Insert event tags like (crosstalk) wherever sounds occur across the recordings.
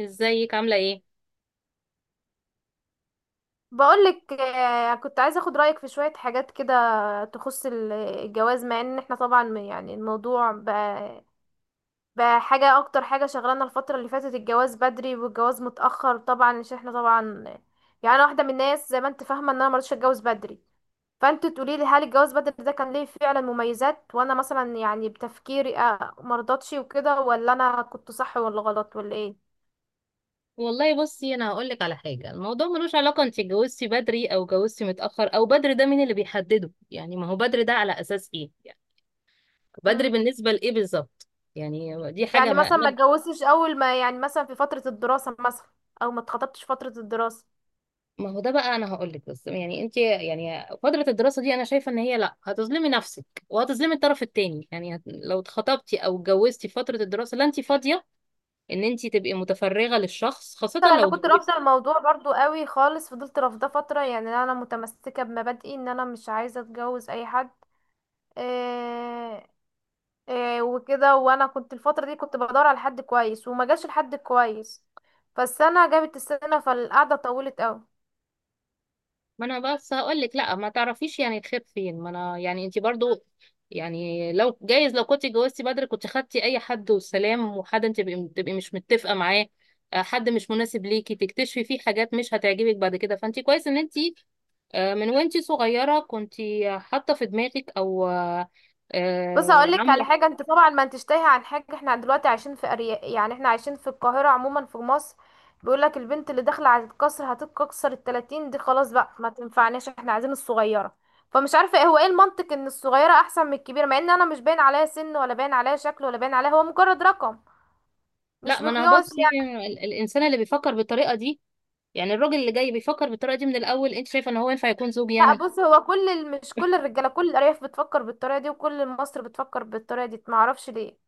ازيك؟ عاملة ايه؟ بقولك آه، كنت عايزة اخد رأيك في شوية حاجات كده تخص الجواز مع ان احنا طبعا يعني الموضوع بقى حاجة، اكتر حاجة شغلانة الفترة اللي فاتت الجواز بدري والجواز متأخر، طبعا عشان احنا طبعا يعني أنا واحدة من الناس زي ما انت فاهمة ان انا مرضتش اتجوز بدري. فانت تقولي لي هل الجواز بدري ده كان ليه فعلا مميزات، وانا مثلا يعني بتفكيري آه، مرضتش وكده، ولا انا كنت صح، ولا غلط، ولا ايه؟ والله بصي انا هقولك على حاجة. الموضوع ملوش علاقة انت اتجوزتي بدري او اتجوزتي متأخر. او بدري ده مين اللي بيحدده؟ يعني ما هو بدري ده على اساس ايه؟ يعني بدري بالنسبة لايه بالظبط؟ يعني دي حاجة، يعني ما مثلا ما انا اتجوزتش اول ما يعني مثلا في فترة الدراسة مثلا، او ما اتخطبتش فترة الدراسة. ما هو ده بقى انا هقولك. بس يعني انت يعني فترة الدراسة دي انا شايفة ان هي لا، هتظلمي نفسك وهتظلمي الطرف التاني. يعني لو اتخطبتي او اتجوزتي في فترة الدراسة لا، انت فاضية ان انت تبقي متفرغة للشخص، خاصة مثلا انا لو كنت رافضة اتجوزتي. الموضوع برضو قوي خالص، فضلت رافضة فترة، يعني انا متمسكة بمبادئي ان انا مش عايزة اتجوز اي حد. إيه، إيه وكده. وانا كنت الفترة دي كنت بدور على حد كويس، وما جاش الحد كويس. فالسنة جابت السنة، فالقعدة طولت قوي. ما انا بس هقول لك لا، ما تعرفيش يعني الخير فين. ما انا يعني انت برضو يعني لو جايز، لو كنت اتجوزتي بدري كنت خدتي اي حد والسلام، وحد انت تبقي مش متفقه معاه. حد مش مناسب ليكي، تكتشفي فيه حاجات مش هتعجبك بعد كده. فانت كويس ان انت من وانت صغيره كنت حاطه في دماغك، او آه، بص آه، هقول لك على عامله. حاجه، انت طبعا ما انتش تايهه عن حاجه. احنا دلوقتي عايشين في ارياف، يعني احنا عايشين في القاهره، عموما في مصر. بيقول لك البنت اللي داخله على القصر هتتكسر، ال 30 دي خلاص بقى ما تنفعناش، احنا عايزين الصغيره. فمش عارفه ايه هو، ايه المنطق ان الصغيره احسن من الكبيره، مع ان انا مش باين عليا سن، ولا باين عليا شكل، ولا باين عليا، هو مجرد رقم. مش لا، ما انا مقياس بصي، يعني. الانسان اللي بيفكر بالطريقه دي، يعني الراجل اللي جاي بيفكر بالطريقه دي من الاول، انت شايفه ان هو ينفع يكون زوج لا يعني؟ بص، هو كل مش كل الرجاله، كل الارياف بتفكر بالطريقه دي، وكل مصر بتفكر بالطريقه دي، ما اعرفش ليه.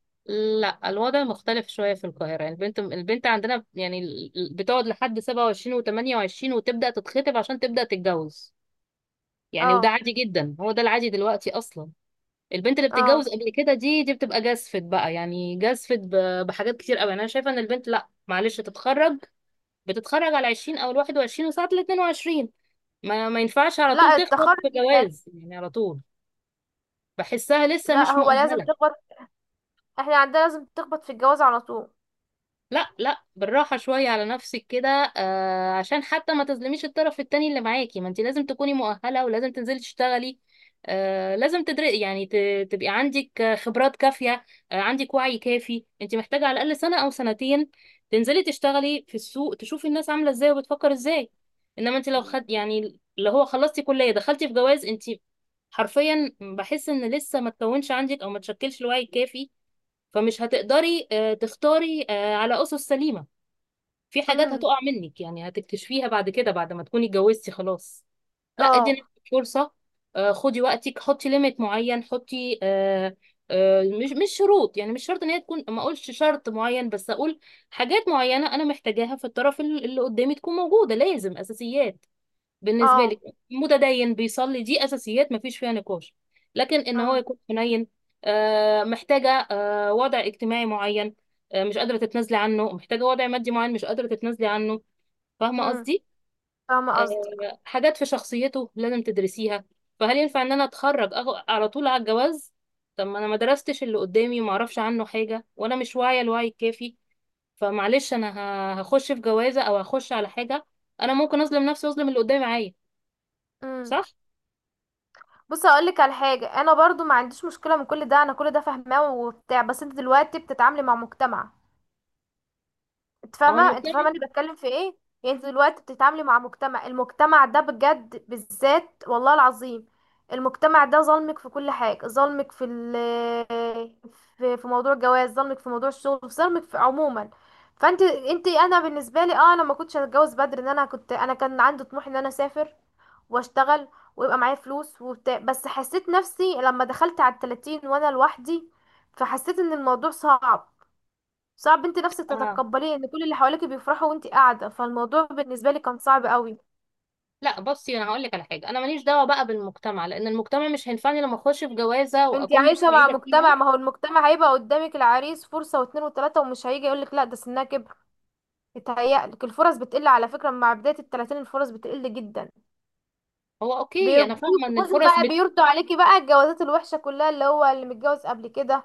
لا، الوضع مختلف شوية في القاهرة. يعني البنت عندنا يعني بتقعد لحد 27 و28، وتبدأ تتخطب عشان تبدأ تتجوز. يعني وده اه. عادي جدا، هو ده العادي دلوقتي أصلا. البنت اللي اه. بتتجوز قبل كده دي بتبقى جازفت بقى، يعني جازفت بحاجات كتير قوي. يعني أنا شايفة إن البنت، لا معلش، تتخرج، بتتخرج على 20 أو ال 21 وساعات ال 22. ما ينفعش على طول لا، تخبط التخرج. في لا. جواز يعني، على طول بحسها لسه لا، مش هو لازم مؤهلة. تكبر. احنا عندنا لازم تخبط في الجواز على طول. لا لا، بالراحة شوية على نفسك كده. آه، عشان حتى ما تظلميش الطرف التاني اللي معاكي. ما انت لازم تكوني مؤهلة، ولازم تنزلي تشتغلي. آه، لازم تدري يعني تبقي عندك خبرات كافية. آه، عندك وعي كافي. انت محتاجة على الأقل سنة أو سنتين تنزلي تشتغلي في السوق، تشوفي الناس عاملة ازاي وبتفكر ازاي. انما انت لو خد يعني اللي هو خلصتي كلية دخلتي في جواز، انت حرفيا بحس ان لسه ما تكونش عندك او ما تشكلش الوعي الكافي. فمش هتقدري تختاري على أسس سليمة. في حاجات امم. هتقع منك يعني، هتكتشفيها بعد كده بعد ما تكوني اتجوزتي خلاص. لا، ادي اه. نفسك فرصة. خدي وقتك، حطي ليميت معين، حطي مش شروط. يعني مش شرط ان هي تكون، ما اقولش شرط معين، بس اقول حاجات معينة انا محتاجاها في الطرف اللي قدامي تكون موجودة. لازم اساسيات بالنسبه لك، اه. متدين، بيصلي، دي اساسيات مفيش فيها نقاش. لكن ان هو امم. يكون حنين، محتاجه وضع اجتماعي معين مش قادره تتنازلي عنه، محتاجه وضع مادي معين مش قادره تتنازلي عنه. فاهمه امم. قصدي؟ فاهمه قصدك. حاجات في شخصيته لازم تدرسيها. فهل ينفع ان انا على طول على الجواز؟ طب ما انا ما درستش اللي قدامي، وما اعرفش عنه حاجه، وانا مش واعيه الوعي الكافي. فمعلش انا هخش في جوازه او هخش على حاجه، انا ممكن اظلم نفسي واظلم اللي قدامي معايا. امم. صح. بص هقول لك على حاجه، انا برضو ما عنديش مشكله من كل ده، انا كل ده فاهماه وبتاع، بس انت دلوقتي بتتعاملي مع مجتمع. انت ما هو فاهمه، انت المجتمع. فاهمه انا بتكلم في ايه؟ يعني انت دلوقتي بتتعاملي مع مجتمع، المجتمع ده بجد، بالذات والله العظيم المجتمع ده ظلمك في كل حاجه، ظلمك في في موضوع الجواز، ظلمك في موضوع الشغل، في ظلمك في عموما. فانت، انت، انا بالنسبه لي اه، انا ما كنتش هتجوز بدري، ان انا كنت، انا كان عندي طموح ان انا اسافر واشتغل ويبقى معايا فلوس وبتاع. بس حسيت نفسي لما دخلت على التلاتين وانا لوحدي، فحسيت ان الموضوع صعب. صعب انت نفسك اه. تتقبليه ان كل اللي حواليك بيفرحوا وانت قاعده، فالموضوع بالنسبه لي كان صعب قوي. لا بصي، انا هقول لك على حاجه، انا ماليش دعوه بقى بالمجتمع، لان المجتمع مش هينفعني لما اخش في جوازه انت واكون مش عايشه مع سعيده مجتمع، فيها. ما هو المجتمع هيبقى قدامك العريس فرصه واتنين وتلاته، ومش هيجي يقولك لا ده سنها كبر. يتهيألك الفرص بتقل على فكره، مع بدايه التلاتين الفرص بتقل جدا. هو اوكي، انا بيرضوك، فاهمه ان بصي بقى بيرضوا عليكي بقى الجوازات الوحشه كلها، اللي هو اللي متجوز قبل كده،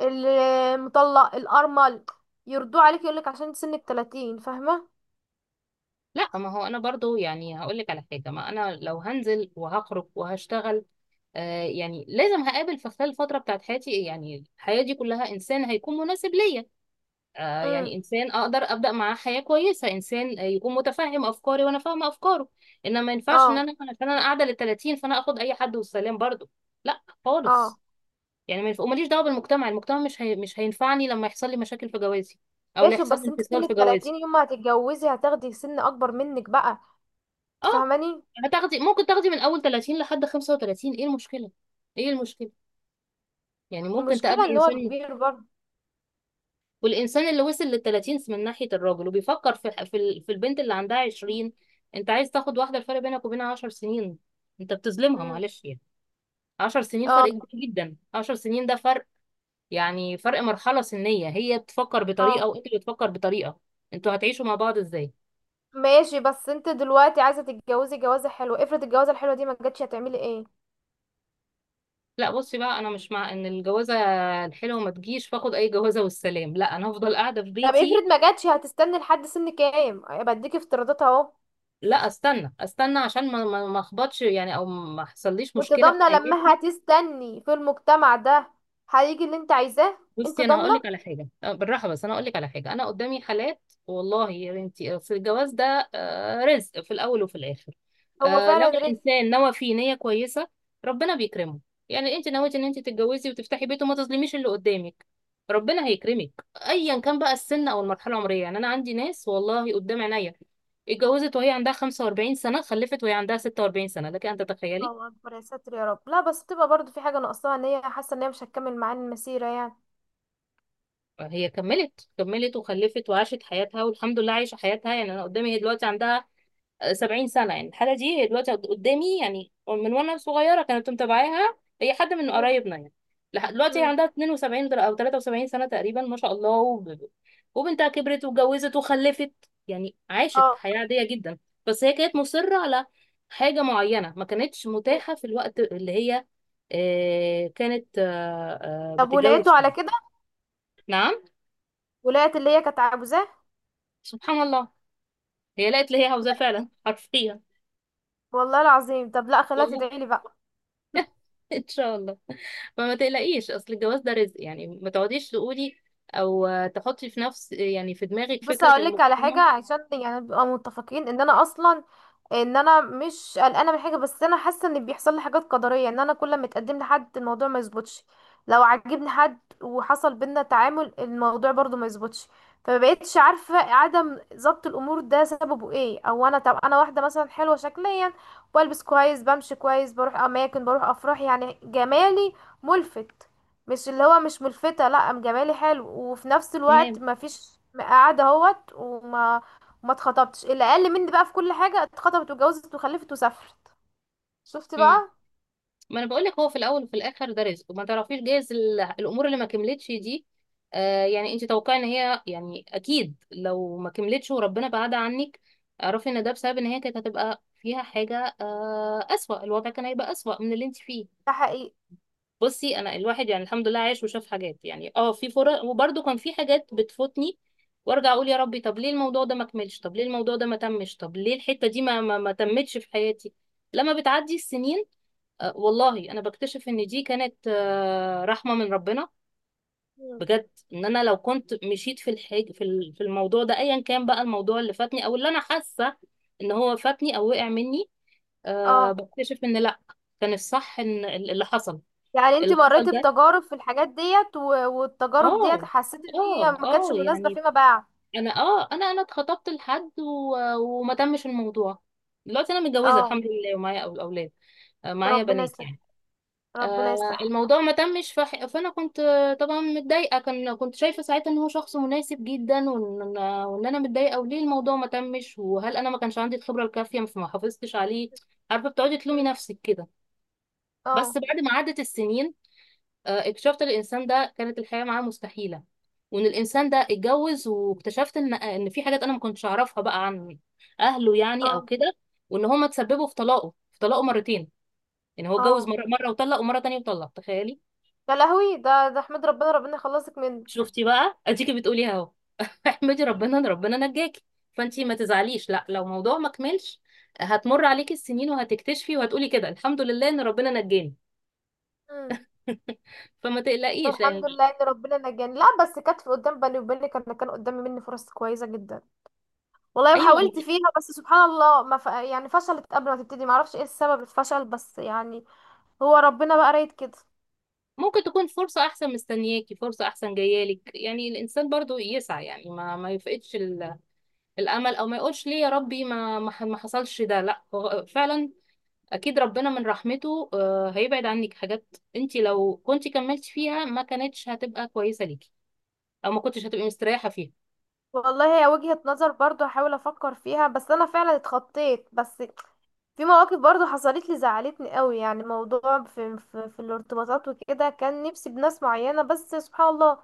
المطلق، الارمل، يرضوه عليكي، يقولك عشان انت سنك 30، فاهمه. لا، ما هو انا برضو يعني هقول لك على حاجه، ما انا لو هنزل وهخرج وهشتغل، آه يعني لازم هقابل في خلال الفتره بتاعت حياتي، يعني الحياه دي كلها، انسان هيكون مناسب ليا. يعني امم. انسان اقدر ابدا معاه حياه كويسه، انسان يكون متفهم افكاري وانا فاهمه افكاره. انما ما ينفعش ان اه. انا عشان انا قاعده لل 30 فانا اخد اي حد والسلام برضو. لا خالص. اه. يعني ما ينفع- وماليش دعوه بالمجتمع، المجتمع مش هينفعني لما يحصل لي مشاكل في جوازي، او لا ماشي، يحصل لي بس انت سن انفصال ال في جوازي. 30 يوم ما هتتجوزي هتاخدي سن اكبر منك بقى. اه. تفهماني. هتاخدي، ممكن تاخدي من اول 30 لحد 35، ايه المشكله؟ ايه المشكله؟ يعني ممكن المشكله تقابلي ان انسان. هو كبير برضه. والإنسان اللي وصل للتلاتين من ناحية الراجل وبيفكر في البنت اللي عندها عشرين، أنت عايز تاخد واحدة الفرق بينك وبينها عشر سنين؟ أنت بتظلمها مم. معلش يعني. عشر سنين فرق اه. كبير جدا، عشر سنين ده فرق. يعني فرق مرحلة سنية، هي بتفكر اه. بطريقة وأنت بتفكر بطريقة، أنتوا هتعيشوا مع بعض إزاي؟ ماشي، بس انت دلوقتي عايزه تتجوزي جوازه حلوه، افرض الجوازه الحلوه دي ما جاتش هتعملي ايه؟ لا بصي بقى، أنا مش مع إن الجوازة الحلوة ما تجيش فاخد أي جوازة والسلام، لا أنا هفضل قاعدة في طب افرض بيتي. ما جاتش هتستني لحد سن كام؟ بديك افتراضات اهو. لا استنى استنى عشان ما اخبطش يعني، او ما حصليش وانت مشكله في ضامنه لما حياتي. هتستني في المجتمع ده هيجي اللي انت عايزاه؟ انت بصي انا هقول ضامنه؟ لك على حاجه، أه، بالراحه. بس انا هقول لك على حاجه، انا قدامي حالات والله يا بنتي، في الجواز ده رزق في الاول وفي الاخر. هو لو فعلا رزق. الانسان نوى فيه نيه كويسه ربنا بيكرمه. يعني انت نويتي ان انت تتجوزي وتفتحي بيت وما تظلميش اللي قدامك، ربنا هيكرمك ايا كان بقى السن او المرحله العمريه. يعني انا عندي ناس والله قدام عينيا، اتجوزت وهي عندها 45 سنه، خلفت وهي عندها 46 سنه، لكن انت تخيلي، الله اكبر يا ساتر يا رب. لا بس بتبقى برضو في حاجه ناقصاها، ان هي حاسه ان هي مش هتكمل معاه المسيره يعني. هي كملت وخلفت وعاشت حياتها، والحمد لله عايشة حياتها. يعني أنا قدامي هي دلوقتي عندها سبعين سنة. يعني الحالة دي هي دلوقتي قدامي يعني، من وأنا صغيرة كانت متابعاها، هي حد من مم. قرايبنا يعني. لحد دلوقتي هي مم. عندها 72 أو 73 سنة تقريبا، ما شاء الله. وبنتها كبرت واتجوزت وخلفت. يعني عاشت اه. حياة عادية جدا، بس هي كانت مصرة على حاجة معينة ما كانتش متاحة في الوقت اللي هي كانت طب ولقيته بتتجوز فيه. على كده؟ نعم. ولقيت اللي هي كانت عاوزاه؟ سبحان الله، هي لقت اللي هي عاوزاه فعلا حرفيا. والله العظيم؟ طب لا، خليها والله. تدعي لي بقى. (laughs) ان شاء الله. فما تقلقيش، اصل الجواز ده رزق يعني. ما تقعديش تقولي، او آه، تحطي في نفس يعني في دماغك بص فكرة هقولك على حاجه المجتمع. عشان يعني نبقى متفقين ان انا اصلا، ان انا مش قلقانه من حاجه، بس انا حاسه ان بيحصل لي حاجات قدريه، ان انا كل ما اتقدم لحد، الموضوع ما يظبطش. لو عجبني حد وحصل بينا تعامل، الموضوع برضو ما يظبطش. فمبقتش عارفه عدم ضبط الامور ده سببه ايه، او انا، طب انا واحده مثلا حلوه شكليا، بلبس كويس، بمشي كويس، بروح اماكن، بروح افراح، يعني جمالي ملفت. مش اللي هو مش ملفتة، لا، قام جمالي حلو، وفي نفس الوقت تمام. ما فيش قاعدة اهوت وما ما اتخطبتش. اللي اقل مني بقى في كل حاجة اتخطبت واتجوزت وخلفت وسافرت. شفت مم. بقى. ما انا بقول لك، هو في الاول وفي الاخر ده رزق، وما تعرفيش جايز الامور اللي ما كملتش دي، آه يعني انت توقعي ان هي يعني اكيد لو ما كملتش وربنا بعدها عنك، اعرفي ان ده بسبب ان هي كانت هتبقى فيها حاجة آه اسوأ، الوضع كان هيبقى اسوأ من اللي انت فيه. ده حقيقي. بصي انا الواحد يعني الحمد لله عايش وشاف حاجات، يعني اه في فرص وبرده كان في حاجات بتفوتني، وارجع اقول يا ربي طب ليه الموضوع ده ما كملش، طب ليه الموضوع ده ما تمش، طب ليه الحتة دي ما تمتش في حياتي. لما بتعدي السنين آه والله انا بكتشف ان دي كانت آه رحمة من ربنا. مم. بجد، ان انا لو كنت مشيت في في الموضوع ده ايا كان بقى الموضوع اللي فاتني او اللي انا حاسة ان هو فاتني او وقع مني، آه اه. بكتشف ان لا، كان الصح ان اللي حصل، يعني انت اللي حصل مريتي ده. بتجارب في الحاجات ديت والتجارب ديت اه حسيت ان هي ما كانتش اه مناسبة يعني فيما بعد. انا انا اتخطبت لحد وما تمش الموضوع. دلوقتي انا متجوزه اه. الحمد لله، ومعايا اولاد، معايا ربنا بنات يصلح. يعني. ربنا آه، يصلح. الموضوع ما تمش فانا كنت طبعا متضايقه، كنت شايفه ساعتها ان هو شخص مناسب جدا، وان انا متضايقه وليه الموضوع ما تمش، وهل انا ما كانش عندي الخبره الكافيه فما حافظتش عليه. عارفه، بتقعدي تلومي مم. نفسك كده. اه. بس بعد ما عدت السنين اكتشفت الانسان ده كانت الحياه معاه مستحيله، وان الانسان ده اتجوز، واكتشفت ان ان في حاجات انا ما كنتش اعرفها بقى عن اهله يعني او اه. كده، وان هما تسببوا في طلاقه، في طلاقه مرتين. يعني هو اتجوز اه مره وطلق، ومره تانية وطلق، تخيلي. يا لهوي، ده ده احمد ربنا، ربنا يخلصك منه. شفتي بقى، اديكي بتقولي اهو. (laughs) احمدي ربنا ان ربنا نجاكي. فانتي ما تزعليش لا، لو موضوع ما كملش هتمر عليكي السنين وهتكتشفي وهتقولي كده الحمد لله ان ربنا نجاني. مم. فما تقلقيش الحمد لان. لله ان ربنا نجاني. لا بس كانت في قدام بالي وبينك، انا كان قدامي مني فرص كويسه جدا والله، ايوه، وحاولت فيها، بس سبحان الله ما ف... يعني فشلت قبل ما تبتدي، ما اعرفش ايه السبب الفشل بس يعني، هو ربنا بقى رايد كده. ممكن تكون فرصة أحسن مستنياكي، فرصة أحسن جايالك. يعني الإنسان برضو يسعى، يعني ما يفقدش الأمل، أو ما يقولش ليه يا ربي ما حصلش ده. لا هو فعلا أكيد ربنا من رحمته هيبعد عنك حاجات أنت لو كنت كملتي فيها ما كانتش هتبقى كويسة ليكي أو ما كنتش هتبقي مستريحة فيها. والله هي وجهة نظر برضو، هحاول افكر فيها. بس انا فعلا اتخطيت، بس في مواقف برضو حصلت لي زعلتني قوي، يعني موضوع في الارتباطات وكده، كان نفسي بناس معينه، بس سبحان الله.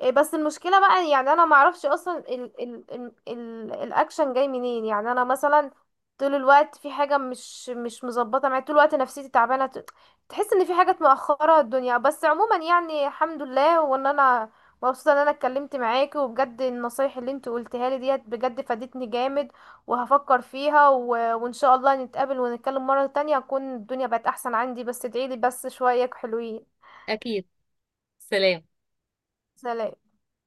إيه، بس المشكلة بقى يعني انا معرفش اصلا ال ال ال ال الاكشن جاي منين. يعني انا مثلا طول الوقت في حاجة مش مظبطة معايا، طول الوقت نفسيتي تعبانة، تحس ان في حاجات مأخرة الدنيا. بس عموما يعني الحمد لله، وان انا مبسوطة ان انا اتكلمت معاكي، وبجد النصايح اللي انت قلتها لي ديت بجد فادتني جامد، وهفكر فيها وان شاء الله نتقابل ونتكلم مرة تانية، اكون الدنيا بقت احسن عندي. بس ادعيلي بس شوية حلوين. أكيد. سلام. سلام.